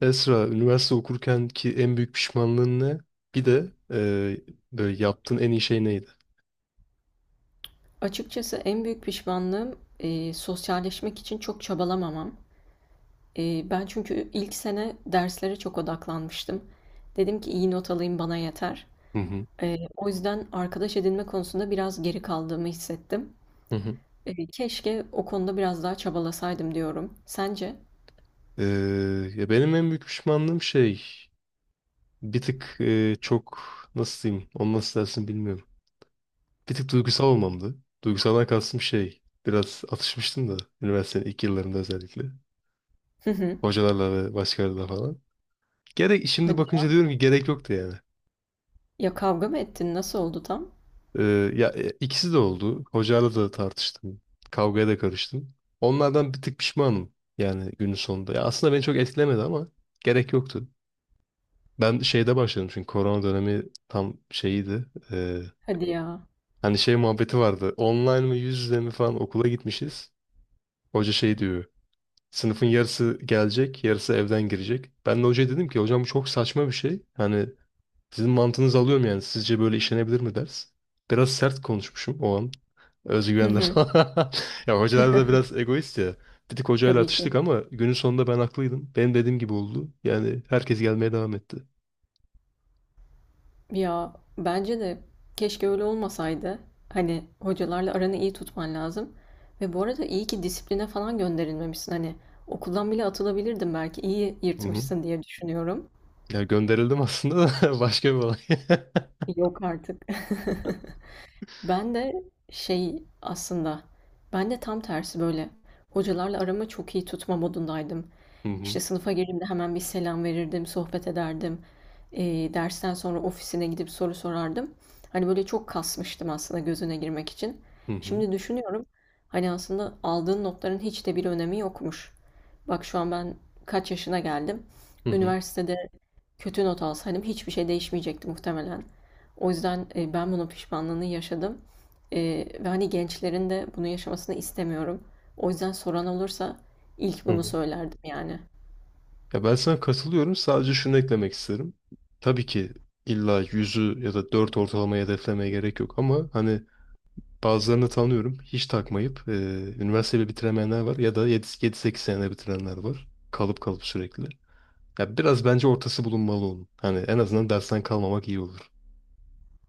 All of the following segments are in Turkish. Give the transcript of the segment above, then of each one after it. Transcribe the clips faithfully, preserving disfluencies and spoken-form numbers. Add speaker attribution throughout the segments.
Speaker 1: Esra, üniversite okurken ki en büyük pişmanlığın ne? Bir de e, böyle yaptığın en iyi şey neydi?
Speaker 2: Açıkçası en büyük pişmanlığım, eee, sosyalleşmek için çok çabalamamam. Eee, ben çünkü ilk sene derslere çok odaklanmıştım. Dedim ki iyi not alayım bana yeter.
Speaker 1: Hı hı.
Speaker 2: Eee, o yüzden arkadaş edinme konusunda biraz geri kaldığımı hissettim.
Speaker 1: Hı hı.
Speaker 2: Eee, keşke o konuda biraz daha çabalasaydım diyorum. Sence?
Speaker 1: E, ya benim en büyük pişmanlığım şey bir tık e, çok nasıl diyeyim onu nasıl dersin bilmiyorum. Bir tık duygusal olmamdı. Duygusaldan kastım şey biraz atışmıştım da üniversitenin ilk yıllarında özellikle.
Speaker 2: Hı hı.
Speaker 1: Hocalarla ve başkalarıyla falan. Gerek, şimdi
Speaker 2: Hadi.
Speaker 1: bakınca diyorum ki gerek yoktu yani.
Speaker 2: Ya kavga mı ettin? Nasıl oldu tam?
Speaker 1: Ee, ya e, ikisi de oldu. Hocayla da tartıştım. Kavgaya da karıştım. Onlardan bir tık pişmanım yani günün sonunda. Ya aslında beni çok etkilemedi ama gerek yoktu. Ben şeyde başladım çünkü korona dönemi tam şeyiydi. Ee,
Speaker 2: Hadi ya.
Speaker 1: hani şey muhabbeti vardı. Online mi yüz yüze mi falan okula gitmişiz. Hoca şey diyor. Sınıfın yarısı gelecek, yarısı evden girecek. Ben de hocaya dedim ki hocam bu çok saçma bir şey. Hani sizin mantığınızı alıyorum yani. Sizce böyle işlenebilir mi ders? Biraz sert konuşmuşum o an.
Speaker 2: Hı
Speaker 1: Özgüvenle
Speaker 2: hı.
Speaker 1: falan. Ya hocalar da biraz egoist ya. Bir tık hocayla
Speaker 2: Tabii ki.
Speaker 1: atıştık ama günün sonunda ben haklıydım. Benim dediğim gibi oldu. Yani herkes gelmeye devam etti.
Speaker 2: Ya bence de keşke öyle olmasaydı. Hani hocalarla aranı iyi tutman lazım. Ve bu arada iyi ki disipline falan gönderilmemişsin. Hani okuldan bile atılabilirdin belki. İyi
Speaker 1: Hı hı.
Speaker 2: yırtmışsın diye düşünüyorum.
Speaker 1: Ya gönderildim aslında da başka bir olay.
Speaker 2: Yok artık. Ben de şey aslında, ben de tam tersi böyle hocalarla aramı çok iyi tutma modundaydım.
Speaker 1: Hı
Speaker 2: İşte
Speaker 1: hı.
Speaker 2: sınıfa girdiğimde hemen bir selam verirdim, sohbet ederdim. Ee, dersten sonra ofisine gidip soru sorardım. Hani böyle çok kasmıştım aslında gözüne girmek için.
Speaker 1: Hı hı.
Speaker 2: Şimdi düşünüyorum, hani aslında aldığın notların hiç de bir önemi yokmuş. Bak şu an ben kaç yaşına geldim.
Speaker 1: Hı hı.
Speaker 2: Üniversitede kötü not alsaydım hiçbir şey değişmeyecekti muhtemelen. O yüzden e, ben bunun pişmanlığını yaşadım. E, ve hani gençlerin de bunu yaşamasını istemiyorum. O yüzden soran olursa ilk
Speaker 1: Hı
Speaker 2: bunu
Speaker 1: hı.
Speaker 2: söylerdim yani.
Speaker 1: Ya ben sana katılıyorum. Sadece şunu eklemek isterim. Tabii ki illa yüzü ya da dört ortalamayı hedeflemeye gerek yok ama hani bazılarını tanıyorum. Hiç takmayıp e, üniversiteyi bitiremeyenler var ya da yedi sekiz senede bitirenler var. Kalıp kalıp sürekli. Ya biraz bence ortası bulunmalı onun. Hani en azından dersten kalmamak iyi olur.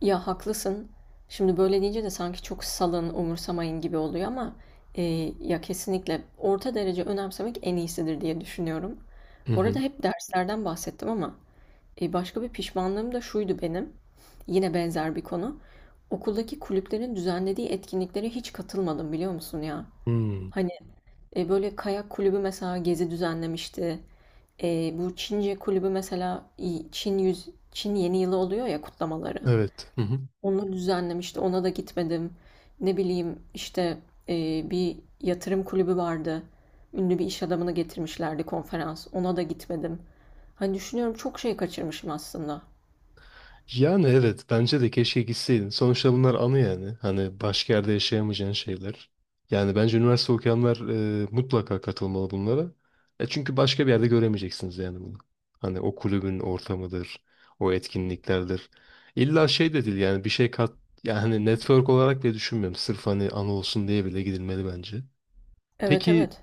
Speaker 2: Ya haklısın. Şimdi böyle deyince de sanki çok salın, umursamayın gibi oluyor ama e, ya kesinlikle orta derece önemsemek en iyisidir diye düşünüyorum.
Speaker 1: Hı
Speaker 2: Bu arada
Speaker 1: hı.
Speaker 2: hep derslerden bahsettim ama E, başka bir pişmanlığım da şuydu benim. Yine benzer bir konu. Okuldaki kulüplerin düzenlediği etkinliklere hiç katılmadım biliyor musun ya?
Speaker 1: Hmm.
Speaker 2: Hani e, böyle kayak kulübü mesela gezi düzenlemişti. E, bu Çince kulübü mesela i- Çin yüz Çin yeni yılı oluyor ya kutlamaları.
Speaker 1: Evet.
Speaker 2: Onu düzenlemişti. Ona da gitmedim. Ne bileyim işte e, bir yatırım kulübü vardı. Ünlü bir iş adamını getirmişlerdi konferans. Ona da gitmedim. Hani düşünüyorum çok şey kaçırmışım aslında.
Speaker 1: Yani evet bence de keşke gitseydin. Sonuçta bunlar anı yani. Hani başka yerde yaşayamayacağın şeyler. Yani bence üniversite okuyanlar e, mutlaka katılmalı bunlara. E çünkü başka bir yerde göremeyeceksiniz yani bunu. Hani o kulübün ortamıdır, o etkinliklerdir. İlla şey de değil yani bir şey kat yani hani network olarak bile düşünmüyorum. Sırf hani anı olsun diye bile gidilmeli bence.
Speaker 2: Evet,
Speaker 1: Peki
Speaker 2: evet.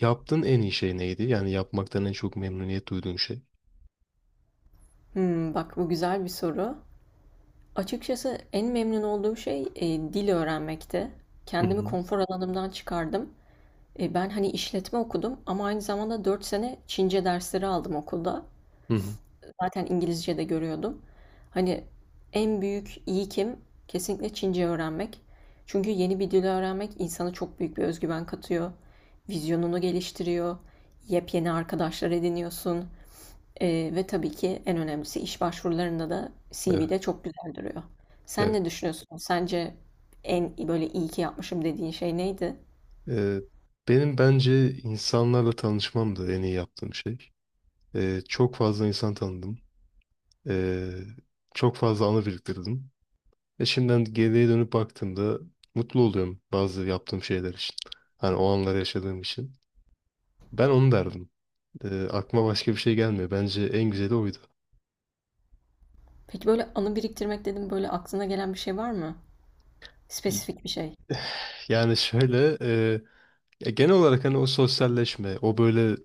Speaker 1: yaptığın en iyi şey neydi? Yani yapmaktan en çok memnuniyet duyduğun şey.
Speaker 2: Hımm, bak bu güzel bir soru. Açıkçası en memnun olduğum şey, eee, dil öğrenmekti.
Speaker 1: Hı
Speaker 2: Kendimi
Speaker 1: hı.
Speaker 2: konfor alanımdan çıkardım. E, ben, hani, işletme okudum ama aynı zamanda dört sene Çince dersleri aldım okulda.
Speaker 1: Hı hı.
Speaker 2: Zaten İngilizce de görüyordum. Hani en büyük kim kesinlikle Çince öğrenmek. Çünkü yeni bir dil öğrenmek insana çok büyük bir özgüven katıyor. Vizyonunu geliştiriyor. Yepyeni arkadaşlar ediniyorsun. Ee, ve tabii ki en önemlisi iş başvurularında da C V'de çok güzel duruyor. Sen
Speaker 1: Evet.
Speaker 2: ne düşünüyorsun? Sence en böyle iyi ki yapmışım dediğin şey neydi?
Speaker 1: Ee, benim bence insanlarla tanışmam da en iyi yaptığım şey. Ee, çok fazla insan tanıdım. Ee, çok fazla anı biriktirdim. Ve şimdiden geriye dönüp baktığımda mutlu oluyorum bazı yaptığım şeyler için. Hani o anları yaşadığım için. Ben onu derdim. Ee, aklıma başka bir şey gelmiyor. Bence en güzeli oydu.
Speaker 2: Peki böyle anı biriktirmek dedim böyle aklına gelen bir şey var mı? Spesifik bir şey.
Speaker 1: Yani şöyle e, ya genel olarak hani o sosyalleşme, o böyle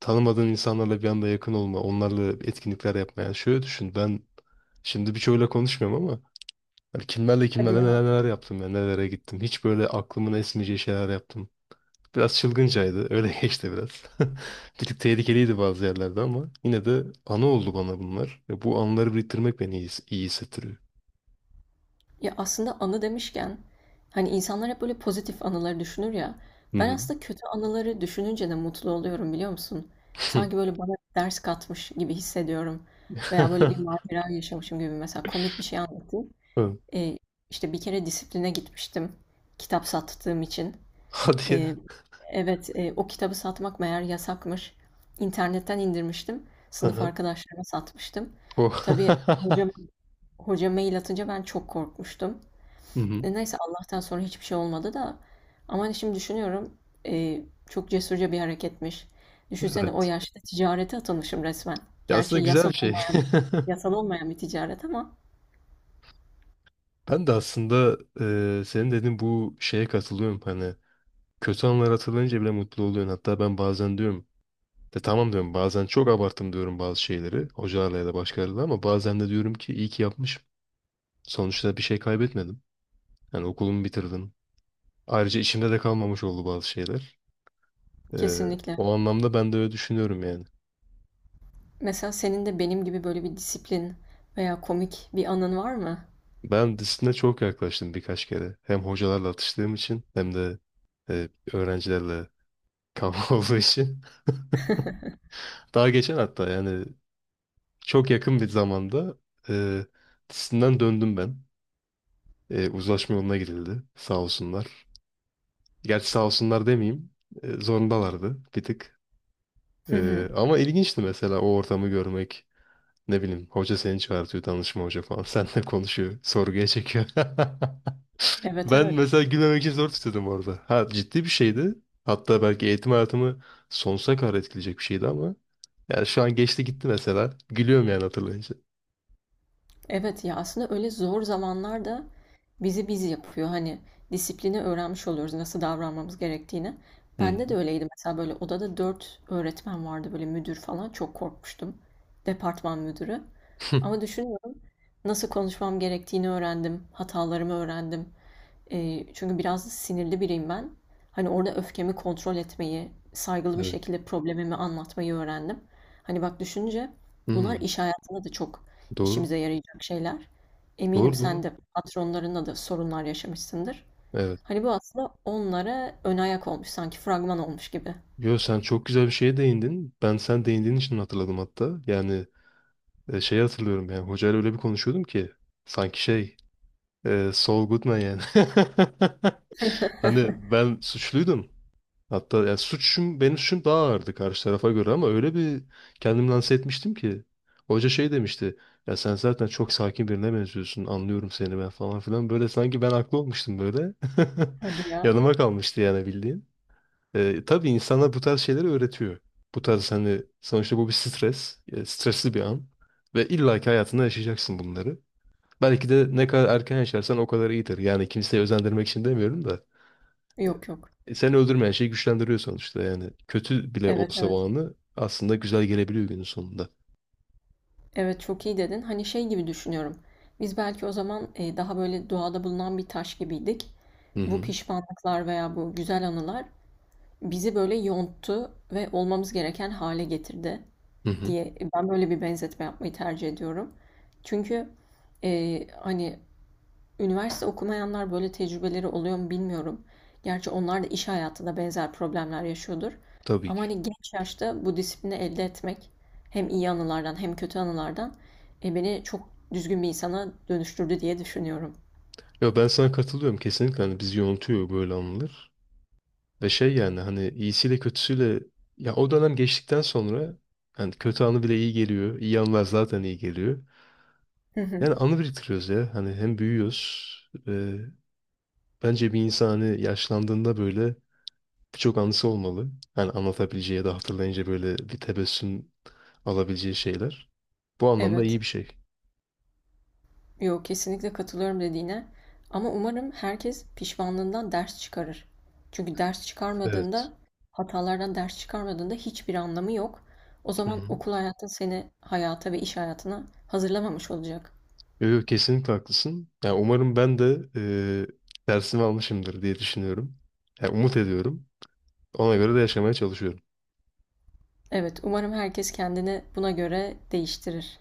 Speaker 1: tanımadığın insanlarla bir anda yakın olma, onlarla etkinlikler yapma. Yani şöyle düşün ben şimdi birçoğuyla konuşmuyorum ama hani kimlerle kimlerle
Speaker 2: Ya
Speaker 1: neler neler yaptım ya nelere gittim. Hiç böyle aklımın esmeyeceği şeyler yaptım. Biraz çılgıncaydı. Öyle geçti biraz. Bir tık tehlikeliydi bazı yerlerde ama yine de anı oldu bana bunlar. Ve bu anıları biriktirmek beni iyi, iyi hissettiriyor.
Speaker 2: Ya aslında anı demişken hani insanlar hep böyle pozitif anıları düşünür ya.
Speaker 1: Hı
Speaker 2: Ben
Speaker 1: hı.
Speaker 2: aslında kötü anıları düşününce de mutlu oluyorum biliyor musun? Sanki böyle bana ders katmış gibi hissediyorum. Veya böyle bir macera yaşamışım gibi mesela komik bir şey anlatayım.
Speaker 1: Hı.
Speaker 2: Ee, işte bir kere disipline gitmiştim kitap sattığım için.
Speaker 1: Hadi
Speaker 2: Ee,
Speaker 1: ya.
Speaker 2: evet e, o kitabı satmak meğer yasakmış. İnternetten indirmiştim.
Speaker 1: Hı
Speaker 2: Sınıf
Speaker 1: hı.
Speaker 2: arkadaşlarıma satmıştım.
Speaker 1: Oh.
Speaker 2: Tabii hocam, hoca mail atınca ben çok korkmuştum.
Speaker 1: Hı hı.
Speaker 2: E, neyse Allah'tan sonra hiçbir şey olmadı da. Ama hani şimdi düşünüyorum e, çok cesurca bir hareketmiş. Düşünsene o
Speaker 1: Evet.
Speaker 2: yaşta ticarete atılmışım resmen.
Speaker 1: Ya
Speaker 2: Gerçi
Speaker 1: aslında güzel
Speaker 2: yasal
Speaker 1: bir şey.
Speaker 2: olmayan, yasal olmayan bir ticaret ama
Speaker 1: Ben de aslında eee, senin dediğin bu şeye katılıyorum. Hani kötü anlar hatırlayınca bile mutlu oluyorsun. Hatta ben bazen diyorum de tamam diyorum bazen çok abarttım diyorum bazı şeyleri hocalarla ya da başkalarıyla ama bazen de diyorum ki iyi ki yapmışım. Sonuçta bir şey kaybetmedim. Yani okulumu bitirdim. Ayrıca içimde de kalmamış oldu bazı şeyler. Eee,
Speaker 2: kesinlikle.
Speaker 1: o anlamda ben de öyle düşünüyorum yani.
Speaker 2: Mesela senin de benim gibi böyle bir disiplin veya komik bir anın var mı?
Speaker 1: Ben disipline çok yaklaştım birkaç kere. Hem hocalarla atıştığım için hem de eee, öğrencilerle kavga olduğu için. Daha geçen hatta yani çok yakın bir zamanda e, tisinden döndüm ben. E, uzlaşma yoluna girildi. Sağ olsunlar. Gerçi sağ olsunlar demeyeyim. E, zorundalardı bir tık.
Speaker 2: Hı hı.
Speaker 1: E, ama ilginçti mesela o ortamı görmek. Ne bileyim hoca seni çağırtıyor danışma hoca falan. Seninle konuşuyor. Sorguya çekiyor.
Speaker 2: Evet
Speaker 1: Ben
Speaker 2: evet.
Speaker 1: mesela gülmemek için zor tutuyordum orada. Ha ciddi bir şeydi. Hatta belki eğitim hayatımı sonsuza kadar etkileyecek bir şeydi ama yani şu an geçti gitti mesela. Gülüyorum yani hatırlayınca.
Speaker 2: Evet ya aslında öyle zor zamanlarda bizi biz yapıyor. Hani disiplini öğrenmiş oluyoruz nasıl davranmamız gerektiğini.
Speaker 1: Hı
Speaker 2: Bende de
Speaker 1: hı.
Speaker 2: öyleydi mesela böyle odada dört öğretmen vardı böyle müdür falan çok korkmuştum. Departman müdürü. Ama düşünüyorum nasıl konuşmam gerektiğini öğrendim, hatalarımı öğrendim. Eee, çünkü biraz sinirli biriyim ben. Hani orada öfkemi kontrol etmeyi, saygılı bir
Speaker 1: Evet.
Speaker 2: şekilde problemimi anlatmayı öğrendim. Hani bak düşünce, bunlar
Speaker 1: Hı.
Speaker 2: iş hayatında da çok
Speaker 1: Doğru.
Speaker 2: işimize yarayacak şeyler. Eminim
Speaker 1: Doğru
Speaker 2: sen
Speaker 1: doğru.
Speaker 2: de patronlarınla da sorunlar yaşamışsındır.
Speaker 1: Evet.
Speaker 2: Hani bu aslında onlara ön ayak olmuş, sanki fragman olmuş gibi.
Speaker 1: Yo sen çok güzel bir şeye değindin. Ben sen değindiğin için hatırladım hatta. Yani e, şeyi hatırlıyorum yani hocayla öyle bir konuşuyordum ki sanki şey e, Saul Goodman yani. Hani ben suçluydum. Hatta yani suçum benim suçum daha ağırdı karşı tarafa göre ama öyle bir kendimi lanse etmiştim ki hoca şey demişti. Ya sen zaten çok sakin birine benziyorsun. Anlıyorum seni ben falan filan. Böyle sanki ben haklı olmuştum böyle.
Speaker 2: Hadi ya.
Speaker 1: Yanıma kalmıştı yani bildiğin. E, tabii insana bu tarz şeyleri öğretiyor. Bu tarz hani sonuçta bu bir stres. E, stresli bir an. Ve illaki hayatında yaşayacaksın bunları. Belki de ne kadar erken yaşarsan o kadar iyidir. Yani kimseyi özendirmek için demiyorum da
Speaker 2: Yok yok.
Speaker 1: e, seni öldürmeyen şey güçlendiriyor sonuçta. Yani kötü bile
Speaker 2: Evet
Speaker 1: olsa
Speaker 2: evet.
Speaker 1: o anı aslında güzel gelebiliyor günün sonunda.
Speaker 2: Evet, çok iyi dedin. Hani şey gibi düşünüyorum. Biz belki o zaman e, daha böyle doğada bulunan bir taş gibiydik.
Speaker 1: Hı
Speaker 2: Bu
Speaker 1: hı.
Speaker 2: pişmanlıklar veya bu güzel anılar bizi böyle yonttu ve olmamız gereken hale getirdi
Speaker 1: Hı hı.
Speaker 2: diye ben böyle bir benzetme yapmayı tercih ediyorum. Çünkü e, hani üniversite okumayanlar böyle tecrübeleri oluyor mu bilmiyorum. Gerçi onlar da iş hayatında benzer problemler yaşıyordur.
Speaker 1: Tabii
Speaker 2: Ama
Speaker 1: ki.
Speaker 2: hani genç yaşta bu disiplini elde etmek hem iyi anılardan hem kötü anılardan e, beni çok düzgün bir insana dönüştürdü diye düşünüyorum.
Speaker 1: Ya ben sana katılıyorum kesinlikle. Hani bizi yontuyor böyle anılar. Ve şey yani hani iyisiyle kötüsüyle ya o dönem geçtikten sonra hani kötü anı bile iyi geliyor. İyi anılar zaten iyi geliyor.
Speaker 2: Hı hı.
Speaker 1: Yani anı biriktiriyoruz ya. Hani hem büyüyoruz. e, Bence bir insan hani yaşlandığında böyle birçok anısı olmalı. Hani anlatabileceği ya da hatırlayınca böyle bir tebessüm alabileceği şeyler. Bu anlamda
Speaker 2: Evet.
Speaker 1: iyi bir şey.
Speaker 2: Yok kesinlikle katılıyorum dediğine. Ama umarım herkes pişmanlığından ders çıkarır. Çünkü ders
Speaker 1: Evet.
Speaker 2: çıkarmadığında, hatalardan ders çıkarmadığında hiçbir anlamı yok. O
Speaker 1: Hı
Speaker 2: zaman
Speaker 1: hı.
Speaker 2: okul hayatın seni hayata ve iş hayatına hazırlamamış olacak.
Speaker 1: Yo, yo, kesinlikle haklısın. Yani umarım ben de e, dersimi almışımdır diye düşünüyorum. Yani umut ediyorum. Ona göre de yaşamaya çalışıyorum.
Speaker 2: Evet, umarım herkes kendini buna göre değiştirir.